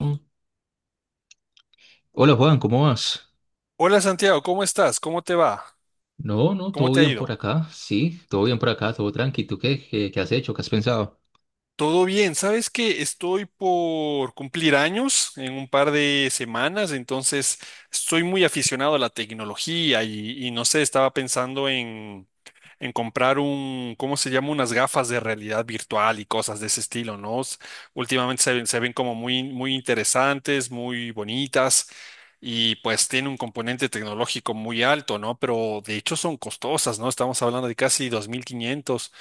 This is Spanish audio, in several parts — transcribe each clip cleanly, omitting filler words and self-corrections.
Mm. Hola Juan, ¿cómo vas? Hola Santiago, ¿cómo estás? ¿Cómo te va? No, no, ¿Cómo todo te ha bien por ido? acá, sí, todo bien por acá, todo tranqui. ¿Tú qué has hecho? ¿Qué has pensado? Todo bien, sabes que estoy por cumplir años en un par de semanas, entonces estoy muy aficionado a la tecnología y no sé, estaba pensando en comprar un, ¿cómo se llama? Unas gafas de realidad virtual y cosas de ese estilo, ¿no? Últimamente se ven como muy interesantes, muy bonitas y pues tiene un componente tecnológico muy alto, ¿no? Pero de hecho son costosas, ¿no? Estamos hablando de casi 2.500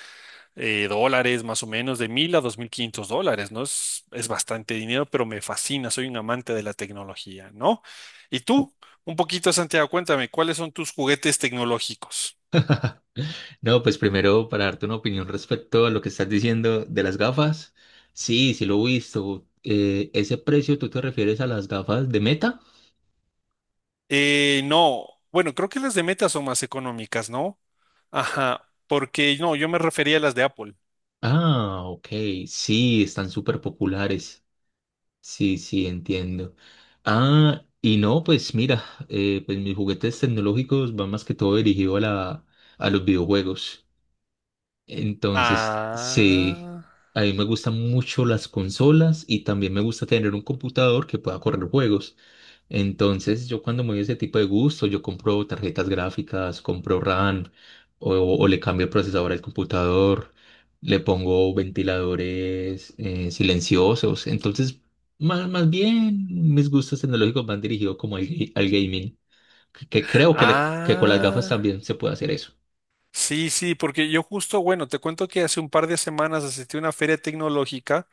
dólares, más o menos, de mil a dos mil quinientos dólares, ¿no? Es bastante dinero, pero me fascina, soy un amante de la tecnología, ¿no? Y tú, un poquito, Santiago, cuéntame, ¿cuáles son tus juguetes tecnológicos? No, pues primero para darte una opinión respecto a lo que estás diciendo de las gafas. Sí, sí lo he visto. ¿Ese precio tú te refieres a las gafas de Meta? No, bueno, creo que las de Meta son más económicas, ¿no? Ajá, porque no, yo me refería a las de Apple. Ah, ok, sí, están súper populares. Sí, sí, entiendo. Ah, y no, pues mira, pues mis juguetes tecnológicos van más que todo dirigido a los videojuegos. Entonces, sí, Ah, a mí me gustan mucho las consolas y también me gusta tener un computador que pueda correr juegos. Entonces, yo cuando me doy ese tipo de gusto, yo compro tarjetas gráficas, compro RAM o le cambio el procesador al computador, le pongo ventiladores silenciosos. Entonces, más bien mis gustos tecnológicos van dirigidos como al gaming, que creo que con las gafas ah, también se puede hacer eso. sí, sí, porque yo justo, bueno, te cuento que hace un par de semanas asistí a una feria tecnológica.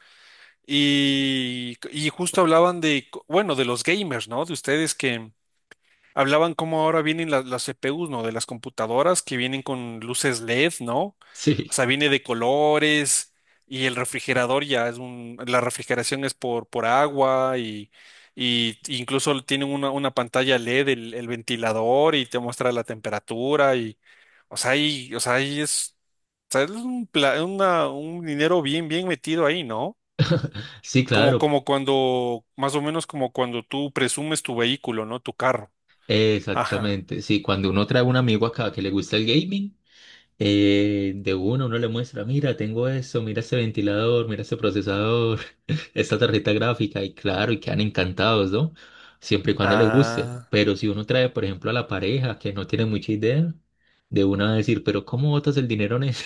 Y justo hablaban de, bueno, de los gamers, ¿no? De ustedes que hablaban cómo ahora vienen las CPUs, ¿no? De las computadoras que vienen con luces LED, ¿no? O Sí. sea, viene de colores y el refrigerador ya es un, la refrigeración es por agua y incluso tienen una pantalla LED, el ventilador y te muestra la temperatura y, o sea, ahí es, o sea, es un, un dinero bien, bien metido ahí, ¿no? Sí, Como, claro. como cuando, más o menos como cuando tú presumes tu vehículo, ¿no? Tu carro. Ajá. Exactamente, sí, cuando uno trae un amigo acá que le gusta el gaming, de uno uno le muestra, mira, tengo esto, mira este ventilador, mira este procesador, esta tarjeta gráfica, y claro, y quedan encantados, ¿no? Siempre y cuando le guste, Ah, pero si uno trae, por ejemplo, a la pareja que no tiene mucha idea, de una va a decir, pero ¿cómo botas el dinero en eso?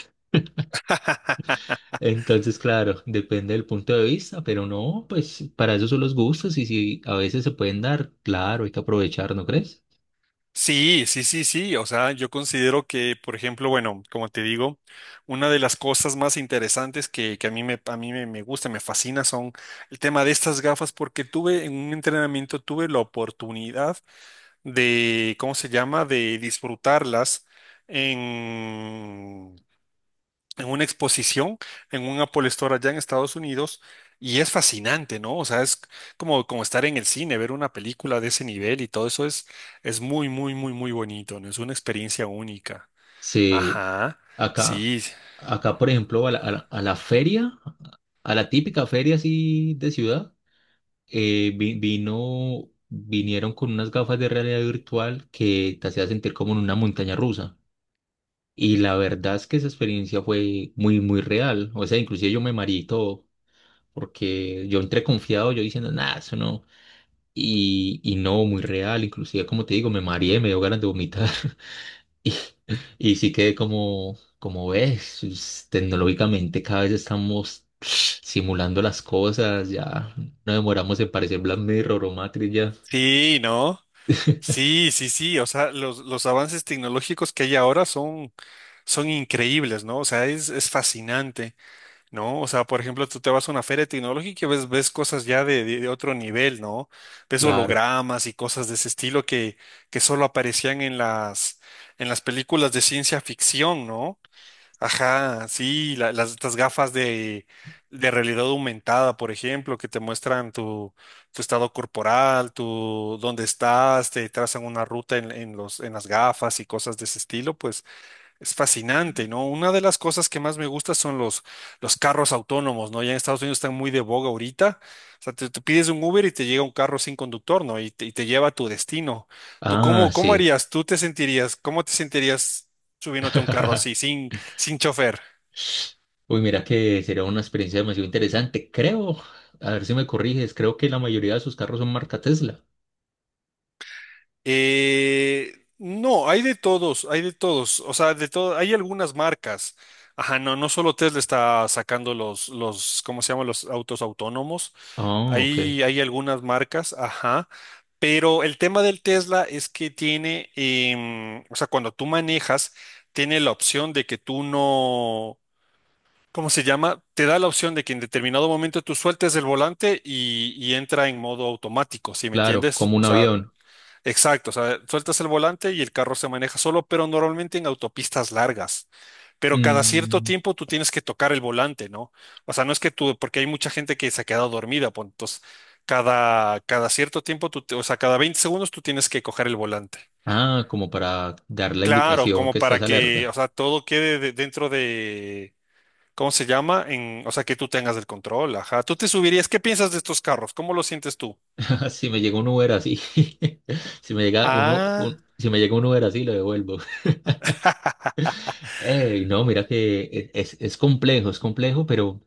Entonces, claro, depende del punto de vista, pero no, pues para eso son los gustos y si a veces se pueden dar, claro, hay que aprovechar, ¿no crees? sí, sí, sí, sí. O sea, yo considero que, por ejemplo, bueno, como te digo, una de las cosas más interesantes que a mí me, me gusta, me fascina, son el tema de estas gafas, porque tuve en un entrenamiento, tuve la oportunidad de, ¿cómo se llama?, de disfrutarlas en, en una exposición en un Apple Store allá en Estados Unidos y es fascinante, ¿no? O sea, es como, como estar en el cine, ver una película de ese nivel y todo eso es muy, muy, muy, muy bonito, ¿no? Es una experiencia única. Sí. Ajá, Acá, sí, acá, por ejemplo, a la feria, a la típica feria así de ciudad, vinieron con unas gafas de realidad virtual que te hacía sentir como en una montaña rusa. Y la verdad es que esa experiencia fue muy, muy real. O sea, inclusive yo me mareé y todo, porque yo entré confiado, yo diciendo, nada, eso no. Y no, muy real. Inclusive, como te digo, me mareé, me dio ganas de vomitar. Y, y sí que como ves, tecnológicamente cada vez estamos simulando las cosas, ya no demoramos en parecer Black Mirror o Matrix ya. sí, ¿no? Sí, sí, sí, o sea, los avances tecnológicos que hay ahora son, son increíbles, ¿no? O sea, es fascinante. ¿No? O sea, por ejemplo, tú te vas a una feria tecnológica y ves, ves cosas ya de, de otro nivel, ¿no? Ves Claro. hologramas y cosas de ese estilo que solo aparecían en las películas de ciencia ficción, ¿no? Ajá, sí, las, estas gafas de realidad aumentada, por ejemplo, que te muestran tu, tu estado corporal, tu dónde estás, te trazan una ruta en los, en las gafas y cosas de ese estilo, pues es fascinante, ¿no? Una de las cosas que más me gusta son los carros autónomos, ¿no? Ya en Estados Unidos están muy de boga ahorita. O sea, te pides un Uber y te llega un carro sin conductor, ¿no? Y te lleva a tu destino. ¿Tú Ah, cómo, cómo sí. harías? ¿Tú te sentirías, cómo te sentirías subiéndote a un carro así, sin, sin chofer? Uy, mira que sería una experiencia demasiado interesante. Creo, a ver si me corriges, creo que la mayoría de sus carros son marca Tesla. No, hay de todos, o sea, de todo, hay algunas marcas. Ajá, no, no solo Tesla está sacando los, ¿cómo se llaman? Los autos autónomos. Ah, ok. Hay algunas marcas, ajá. Pero el tema del Tesla es que tiene, o sea, cuando tú manejas, tiene la opción de que tú no, ¿cómo se llama? Te da la opción de que en determinado momento tú sueltes el volante y entra en modo automático, ¿sí me Claro, entiendes? como un O sea, avión. exacto, o sea, sueltas el volante y el carro se maneja solo, pero normalmente en autopistas largas. Pero cada cierto Mm, tiempo tú tienes que tocar el volante, ¿no? O sea, no es que tú, porque hay mucha gente que se ha quedado dormida, pues, entonces cada, cada cierto tiempo, o sea, cada 20 segundos tú tienes que coger el volante. Ah, como para dar la Claro, indicación como que estás para que, o alerta. sea, todo quede dentro de, ¿cómo se llama? En, o sea, que tú tengas el control, ajá. Tú te subirías, ¿qué piensas de estos carros? ¿Cómo lo sientes tú? Si me llega un Uber así, si me llega uno, Ah, un- si me llega un Uber así, lo devuelvo. Ey, no, mira que es complejo, pero,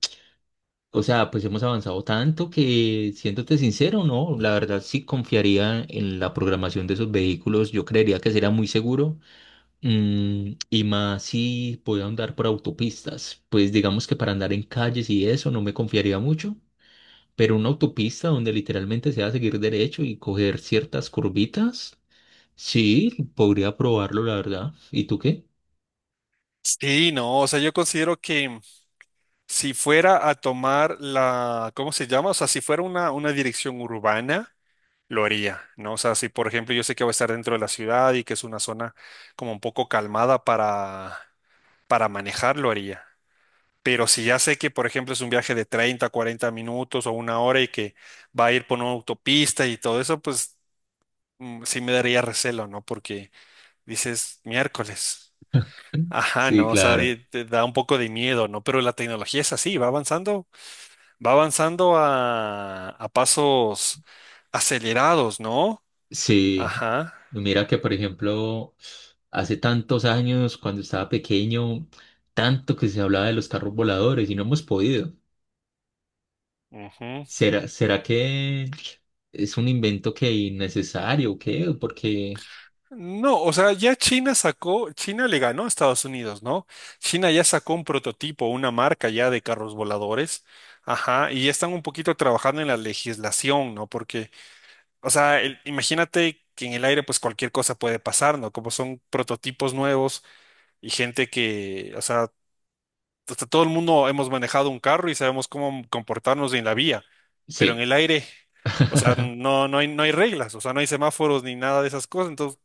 o sea, pues hemos avanzado tanto que, siéndote sincero, no, la verdad sí confiaría en la programación de esos vehículos. Yo creería que sería muy seguro. Y más si puedo andar por autopistas. Pues digamos que para andar en calles y eso no me confiaría mucho. Pero una autopista donde literalmente se va a seguir derecho y coger ciertas curvitas. Sí, podría probarlo, la verdad. ¿Y tú qué? sí, no, o sea, yo considero que... Si fuera a tomar la, ¿cómo se llama? O sea, si fuera una dirección urbana, lo haría, ¿no? O sea, si por ejemplo yo sé que voy a estar dentro de la ciudad y que es una zona como un poco calmada para manejar, lo haría. Pero si ya sé que, por ejemplo, es un viaje de 30, 40 minutos o una hora y que va a ir por una autopista y todo eso, pues sí me daría recelo, ¿no? Porque dices miércoles. Ajá, Sí, no, o sea, claro. te da un poco de miedo, ¿no? Pero la tecnología es así, va avanzando. Va avanzando a pasos acelerados, ¿no? Sí, Ajá. mira que por ejemplo, hace tantos años, cuando estaba pequeño, tanto que se hablaba de los carros voladores y no hemos podido. Ujú. ¿Será que es un invento que innecesario o qué? Porque No, o sea, ya China sacó, China le ganó a Estados Unidos, ¿no? China ya sacó un prototipo, una marca ya de carros voladores. Ajá, y ya están un poquito trabajando en la legislación, ¿no? Porque, o sea, imagínate que en el aire pues cualquier cosa puede pasar, ¿no? Como son prototipos nuevos y gente que, o sea, hasta todo el mundo hemos manejado un carro y sabemos cómo comportarnos en la vía, pero en sí. el aire, o sea, no, no hay reglas, o sea, no hay semáforos ni nada de esas cosas. Entonces,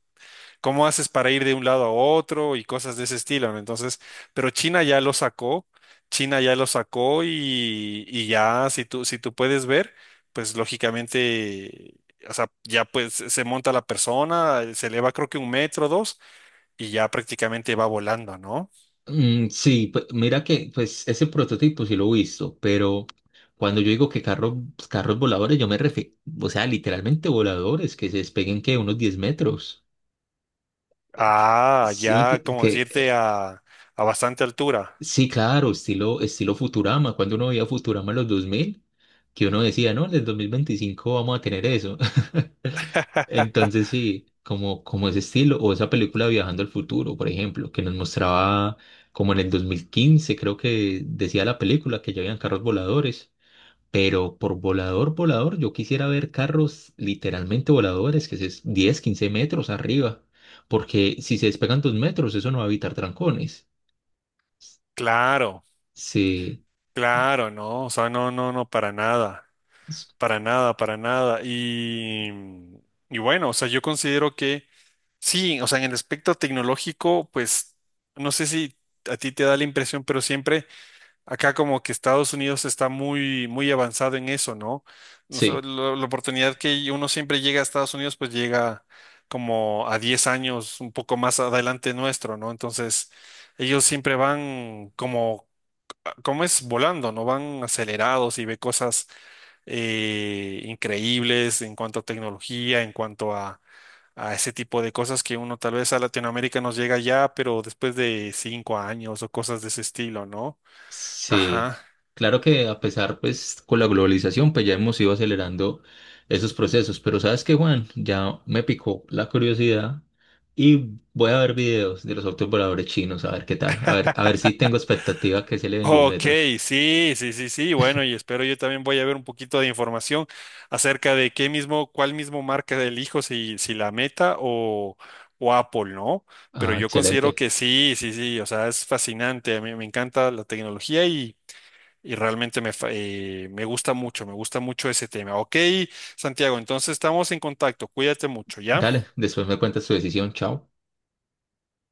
¿cómo haces para ir de un lado a otro y cosas de ese estilo? ¿No? Entonces, pero China ya lo sacó, China ya lo sacó y ya, si tú, si tú puedes ver, pues lógicamente... O sea, ya pues se monta la persona, se eleva creo que un metro, dos, y ya prácticamente va volando, ¿no? Sí, pues mira que pues ese prototipo sí lo he visto, pero cuando yo digo que carros, pues, carros voladores, yo me refiero, o sea, literalmente voladores que se despeguen que unos 10 metros. Eh, Que, que- Ah, sí me ya, ent- como decirte, que, a bastante altura. Sí, claro, estilo Futurama. Cuando uno veía Futurama en los 2000, que uno decía, no, en el 2025 vamos a tener eso. Entonces, sí, como ese estilo, o esa película Viajando al Futuro, por ejemplo, que nos mostraba como en el 2015 creo que decía la película que ya habían carros voladores. Pero por volador, volador, yo quisiera ver carros literalmente voladores, que es 10-15 metros arriba, porque si se despegan 2 metros, eso no va a evitar trancones. Claro, Sí. claro, no, o sea, no, no, no, para nada, para nada, para nada. Y bueno, o sea, yo considero que sí, o sea, en el aspecto tecnológico, pues, no sé si a ti te da la impresión, pero siempre... Acá como que Estados Unidos está muy, muy avanzado en eso, ¿no? No sé, Sí, la oportunidad que uno siempre llega a Estados Unidos, pues llega como a 10 años, un poco más adelante nuestro, ¿no? Entonces, ellos siempre van como, como es volando, ¿no? Van acelerados y ve cosas increíbles en cuanto a tecnología, en cuanto a ese tipo de cosas que uno tal vez a Latinoamérica nos llega ya, pero después de cinco años o cosas de ese estilo, ¿no? sí. Ajá. Claro que a pesar, pues, con la globalización, pues ya hemos ido acelerando esos procesos. Pero ¿sabes qué, Juan? Ya me picó la curiosidad y voy a ver videos de los autos voladores chinos, a ver qué tal. A ver si tengo expectativa que se le den 10 Ok, metros. sí, sí, sí, sí. Bueno, y espero yo también voy a ver un poquito de información acerca de qué mismo, cuál mismo marca elijo, si, si la Meta o Apple, ¿no? Pero Ah, yo considero excelente. que sí, sí, sí. O sea, es fascinante. A mí me encanta la tecnología y realmente me, me gusta mucho ese tema. Ok, Santiago, entonces estamos en contacto. Cuídate mucho, Dale, ¿ya? después me cuentas tu decisión. Chao.